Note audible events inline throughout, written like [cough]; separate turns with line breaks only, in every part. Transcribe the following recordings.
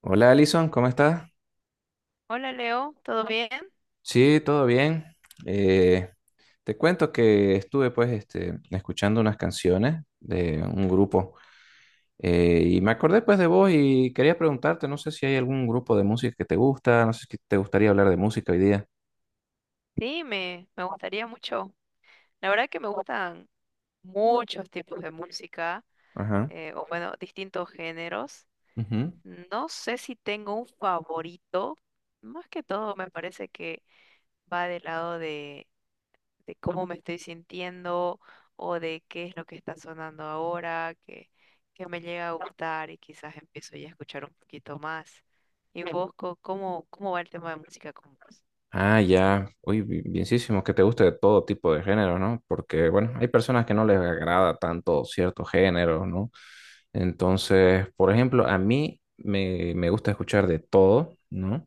Hola Alison, ¿cómo estás?
Hola Leo, ¿todo bien?
Sí, todo bien. Eh, Te cuento que estuve pues este, escuchando unas canciones de un grupo, y me acordé pues de vos y quería preguntarte, no sé si hay algún grupo de música que te gusta, no sé si te gustaría hablar de música hoy día.
Sí, me gustaría mucho. La verdad que me gustan muchos tipos de música,
Ajá.
o bueno, distintos géneros.
Ujú.
No sé si tengo un favorito. Más que todo me parece que va del lado de cómo me estoy sintiendo o de qué es lo que está sonando ahora, que me llega a gustar y quizás empiezo ya a escuchar un poquito más. ¿Y vos cómo va el tema de música con vos?
Ah, ya. Uy, bienísimo, que te guste de todo tipo de género, ¿no? Porque, bueno, hay personas que no les agrada tanto cierto género, ¿no? Entonces, por ejemplo, a mí me gusta escuchar de todo, ¿no?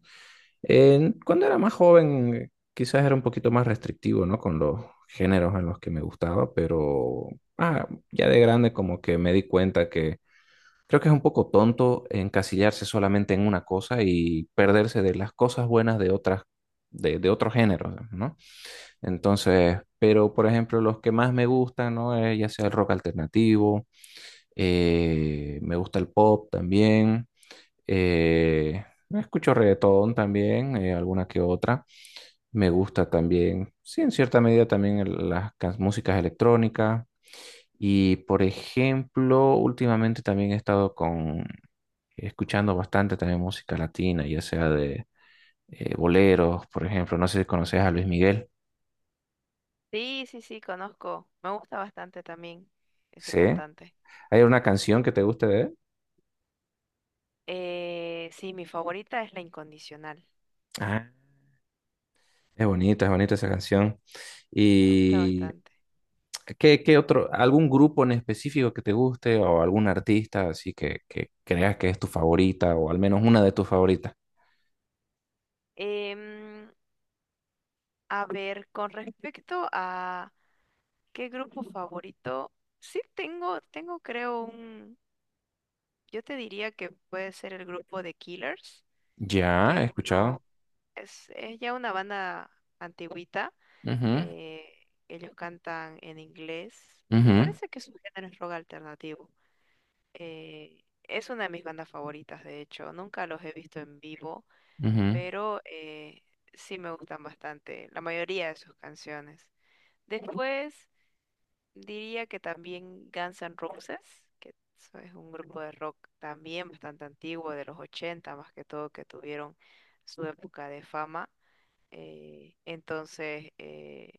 Cuando era más joven, quizás era un poquito más restrictivo, ¿no? Con los géneros en los que me gustaba, pero ah, ya de grande como que me di cuenta que creo que es un poco tonto encasillarse solamente en una cosa y perderse de las cosas buenas de otras, de otros géneros, ¿no? Entonces, pero por ejemplo, los que más me gustan, ¿no? Ya sea el rock alternativo, me gusta el pop también, eh, escucho reggaetón también, alguna que otra. Me gusta también, sí, en cierta medida también músicas electrónicas. Y por ejemplo, últimamente también he estado escuchando bastante también música latina, ya sea de boleros, por ejemplo. No sé si conoces a Luis Miguel.
Sí, sí, sí, conozco. Me gusta bastante también ese
Sí.
cantante.
¿Hay una canción que te guste de él?
Sí, mi favorita es La Incondicional.
Ah, es bonita esa canción.
Me gusta
¿Y
bastante.
qué otro, algún grupo en específico que te guste o algún artista así que creas que es tu favorita o al menos una de tus favoritas?
Em, a ver, con respecto a qué grupo favorito, sí tengo creo un, yo te diría que puede ser el grupo de Killers,
Ya,
que
he
es
escuchado.
uno, es ya una banda antigüita.
Ujú,
eh, Ellos cantan en inglés. Me
ujú,
parece que su género es rock alternativo. eh, es una de mis bandas favoritas, de hecho. Nunca los he visto en vivo,
ujú,
pero sí me gustan bastante la mayoría de sus canciones. Después diría que también Guns N' Roses, que eso es un grupo de rock también bastante antiguo, de los 80 más que todo, que tuvieron su época de fama. Entonces,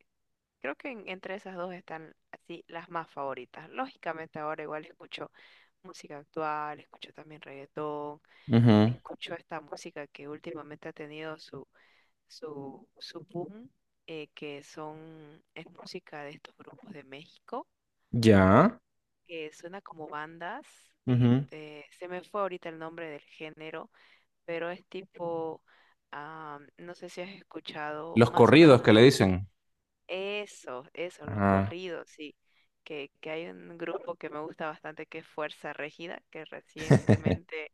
creo que entre esas dos están así las más favoritas. Lógicamente ahora igual escucho música actual, escucho también reggaetón,
ujú.
escucho esta música que últimamente ha tenido su boom, es música de estos grupos de México,
Ya.
que suena como bandas.
Ujú.
Se me fue ahorita el nombre del género, pero es tipo, no sé si has escuchado,
Los
más o
corridos
menos.
que le dicen.
Eso, los
Ajá.
corridos, sí. Que hay un grupo que me gusta bastante que es Fuerza Regida, que
[laughs]
recientemente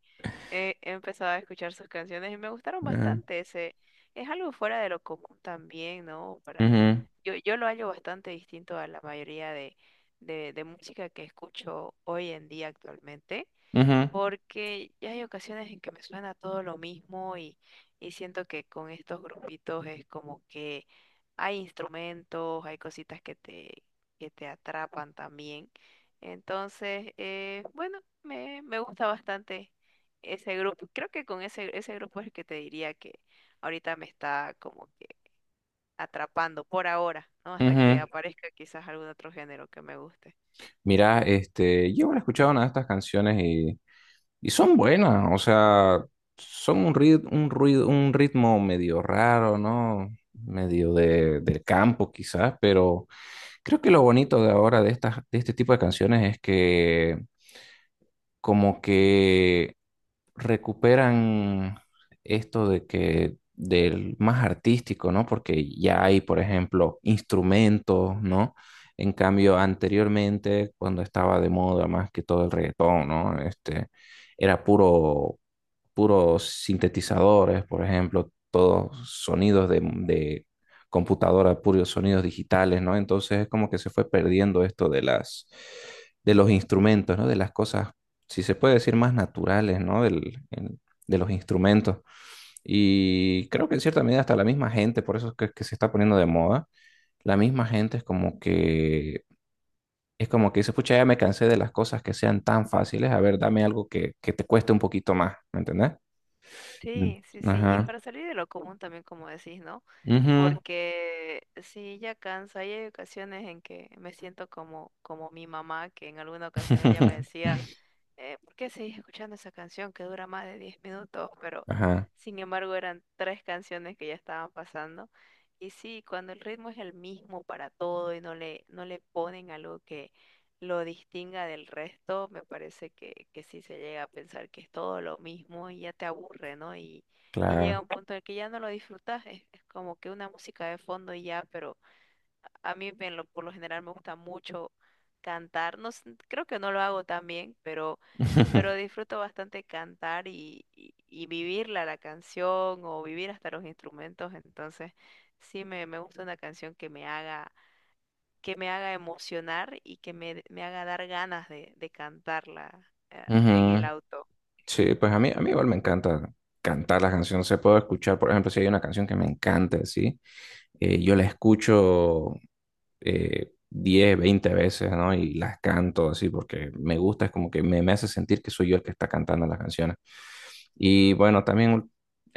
he empezado a escuchar sus canciones y me gustaron
Ajá.
bastante. Es algo fuera de lo común también, ¿no? Para,
Ujú,
yo, yo lo hallo bastante distinto a la mayoría de música que escucho hoy en día actualmente,
ujú,
porque ya hay ocasiones en que me suena todo lo mismo y siento que con estos grupitos es como que hay instrumentos, hay cositas que te atrapan también. Entonces, bueno, me gusta bastante ese grupo. Creo que con ese grupo es el que te diría que ahorita me está como que atrapando por ahora, ¿no? Hasta que
ujú.
aparezca quizás algún otro género que me guste.
Mira, este, yo no he escuchado una de estas canciones y son buenas, o sea, son un ruido, un ritmo medio raro, ¿no? Medio de, del campo quizás, pero creo que lo bonito de ahora de estas, de este tipo de canciones es que como que recuperan esto de que del más artístico, ¿no? Porque ya hay, por ejemplo, instrumentos, ¿no? En cambio, anteriormente, cuando estaba de moda más que todo el reggaetón, ¿no? Este, era puro, puros sintetizadores, por ejemplo, todos sonidos de computadora, puros sonidos digitales, ¿no? Entonces es como que se fue perdiendo esto de las, de los instrumentos, ¿no? De las cosas, si se puede decir, más naturales, ¿no? De los instrumentos. Y creo que en cierta medida hasta la misma gente, por eso es que se está poniendo de moda, la misma gente es como que dice, pucha, ya me cansé de las cosas que sean tan fáciles, a ver, dame algo que te cueste un poquito más, ¿me entendés? Mm.
Sí, sí, sí. Y
Ajá.
para salir de lo común también, como decís, ¿no?
Ujú.
Porque sí, ya cansa. Hay ocasiones en que me siento como mi mamá, que en alguna ocasión ella me
[laughs]
decía, ¿por qué seguís escuchando esa canción que dura más de 10 minutos? Pero
Ajá,
sin embargo eran tres canciones que ya estaban pasando. Y sí, cuando el ritmo es el mismo para todo y no le ponen algo que lo distinga del resto, me parece que sí se llega a pensar que es todo lo mismo y ya te aburre, ¿no? Y
claro.
llega un punto en el que ya no lo disfrutas, es como que una música de fondo y ya, pero a mí por lo general me gusta mucho cantar, no sé, creo que no lo hago tan bien, pero
[laughs]
disfruto bastante cantar y, y vivirla la canción o vivir hasta los instrumentos, entonces sí me gusta una canción que me haga emocionar y que me haga dar ganas de cantarla en el
Ujú.
auto.
Sí, pues a mí igual me encanta cantar las canciones. Se puedo escuchar, por ejemplo, si hay una canción que me encanta, ¿sí? Yo la escucho 10, 20 veces, ¿no? Y las canto así porque me gusta, es como que me hace sentir que soy yo el que está cantando las canciones. Y bueno, también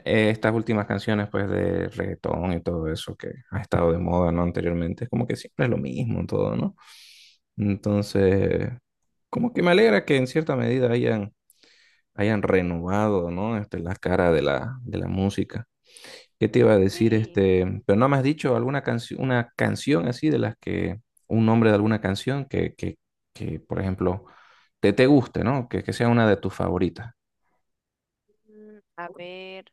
estas últimas canciones pues de reggaetón y todo eso que ha estado de moda, ¿no? Anteriormente, es como que siempre es lo mismo en todo, ¿no? Entonces, como que me alegra que en cierta medida hayan, hayan renovado, ¿no? Este, la cara de la música. ¿Qué te iba a decir?
Sí,
Este, pero no me has dicho alguna canción, una canción así de un nombre de alguna canción que, por ejemplo, te guste, ¿no? Que sea una de tus favoritas.
a ver,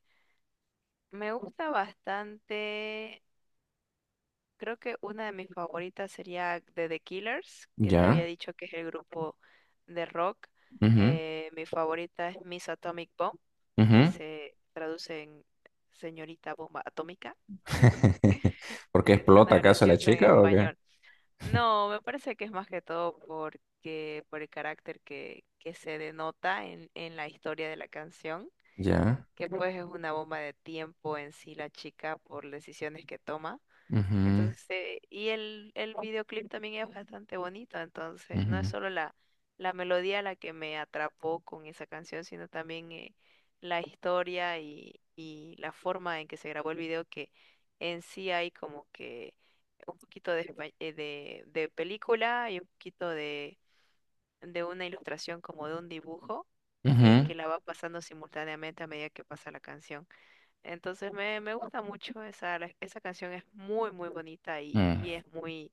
me gusta bastante. Creo que una de mis favoritas sería de The Killers, que te había
Ya.
dicho que es el grupo de rock.
Ujú,
Mi favorita es Miss Atomic Bomb, que
ujú.
se traduce en Señorita Bomba Atómica.
[laughs] ¿Por qué
Es
explota
una
acaso la
graciosa en
chica o qué?
español. No, me parece que es más que todo porque por el carácter que se denota en la historia de la canción,
Ya.
que pues es una bomba de tiempo en sí la chica por decisiones que toma.
Ujú,
Entonces, y el videoclip también es bastante bonito, entonces no es
ujú,
solo la melodía la que me atrapó con esa canción, sino también la historia y la forma en que se grabó el video, que en sí hay como que un poquito de película y un poquito de una ilustración como de un dibujo que,
ujú,
que la va pasando simultáneamente a medida que pasa la canción. Entonces me gusta mucho esa canción, es muy, muy bonita, y,
mm,
y es muy,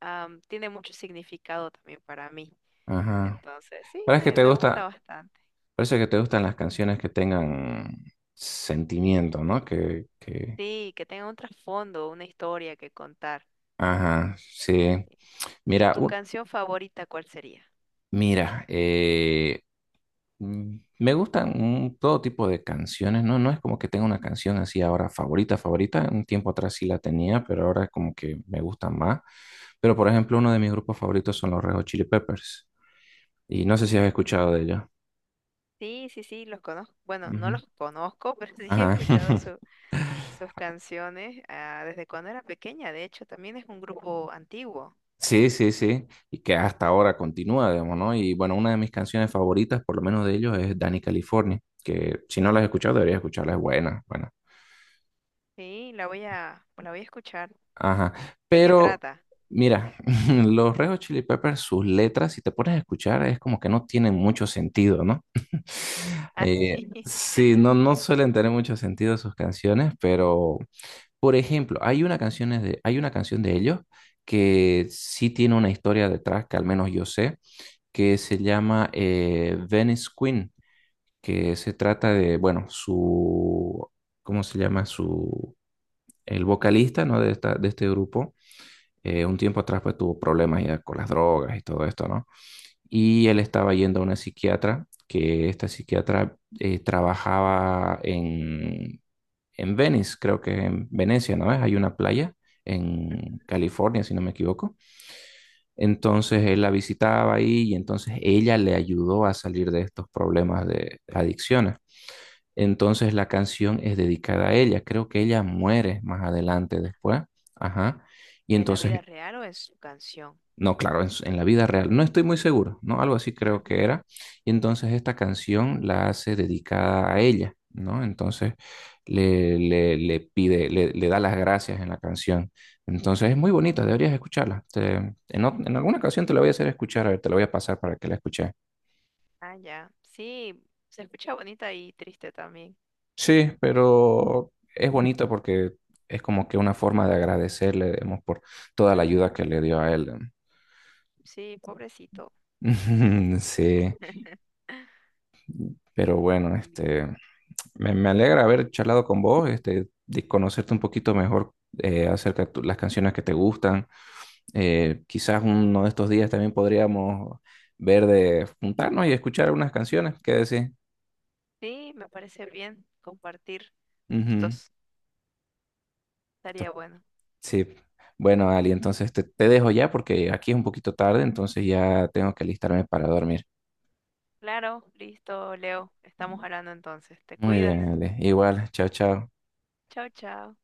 am, tiene mucho significado también para mí.
Ajá.
Entonces, sí,
Parece que
me,
te
me gusta
gusta,
bastante.
parece que te gustan las canciones que tengan sentimiento, ¿no?
Sí, que tenga un trasfondo, una historia que contar.
Ajá, sí.
Sí. ¿Y
Mira,
tu
un-
canción favorita cuál sería?
Mira, me gustan todo tipo de canciones, ¿no? No es como que tenga una canción así ahora favorita, favorita. Un tiempo atrás sí la tenía, pero ahora es como que me gustan más. Pero, por ejemplo, uno de mis grupos favoritos son los Red Hot Chili Peppers. Y no sé si has
Mm, ujú.
escuchado de ellos.
Sí, sí, sí, los conozco. Bueno, no
Ujú.
los conozco, [laughs] pero sí he
Ajá.
escuchado
[laughs]
sus canciones desde cuando era pequeña. De hecho, también es un grupo antiguo.
Sí, sí, sí. Y que hasta ahora continúa, digamos, ¿no? Y bueno, una de mis canciones favoritas, por lo menos de ellos, es Danny California, que si no la has escuchado, deberías escucharla, es buena, buena.
Sí, la voy a escuchar.
Ajá.
¿De qué
Pero,
trata?
mira, [laughs] los Red Hot Chili Peppers, sus letras, si te pones a escuchar, es como que no tienen mucho sentido, ¿no? [laughs]
Así, [laughs]
Sí, no, no suelen tener mucho sentido sus canciones, pero, por ejemplo, hay una canción de, hay una canción de ellos que sí tiene una historia detrás, que al menos yo sé, que se llama Venice Queen, que se trata de, bueno, su, ¿cómo se llama? Su, el vocalista, ¿no? De esta, de este grupo un tiempo atrás pues tuvo problemas ya con las drogas y todo esto, ¿no? Y él estaba yendo a una psiquiatra, que esta psiquiatra trabajaba en Venice, creo que en Venecia, ¿no es? Hay una playa en California, si no me equivoco. Entonces él la visitaba ahí y entonces ella le ayudó a salir de estos problemas de adicciones. Entonces la canción es dedicada a ella. Creo que ella muere más adelante después. Ajá. Y
¿en la
entonces
vida real o en su canción?
no, claro, en la vida real. No estoy muy seguro, ¿no? Algo así creo que
Ujú.
era. Y entonces esta canción la hace dedicada a ella, ¿no? Entonces le pide, le da las gracias en la canción. Entonces es muy bonita, deberías escucharla. En alguna ocasión te la voy a hacer escuchar, a ver, te la voy a pasar para que la escuches.
Ah, ya. Sí, se escucha bonita y triste también.
Sí, pero es bonito porque es como que una forma de agradecerle, digamos, por toda la
Ujú.
ayuda que le dio a él.
Sí, pobrecito.
[laughs] Sí,
[laughs]
pero bueno,
Bien.
este... Me alegra haber charlado con vos, este, de conocerte un poquito mejor acerca de las canciones que te gustan. Quizás uno de estos días también podríamos ver de juntarnos y escuchar algunas canciones. ¿Qué decís?
Sí, me parece bien compartir
Ujú.
estos.
Esto-
Estaría bueno.
Sí. Bueno, Ali, entonces te dejo ya porque aquí es un poquito tarde, entonces ya tengo que alistarme para dormir.
Claro, listo, Leo. Estamos hablando entonces. Te
Muy
cuidas.
bien, Ale. Igual, chao, chao.
Chao, chao.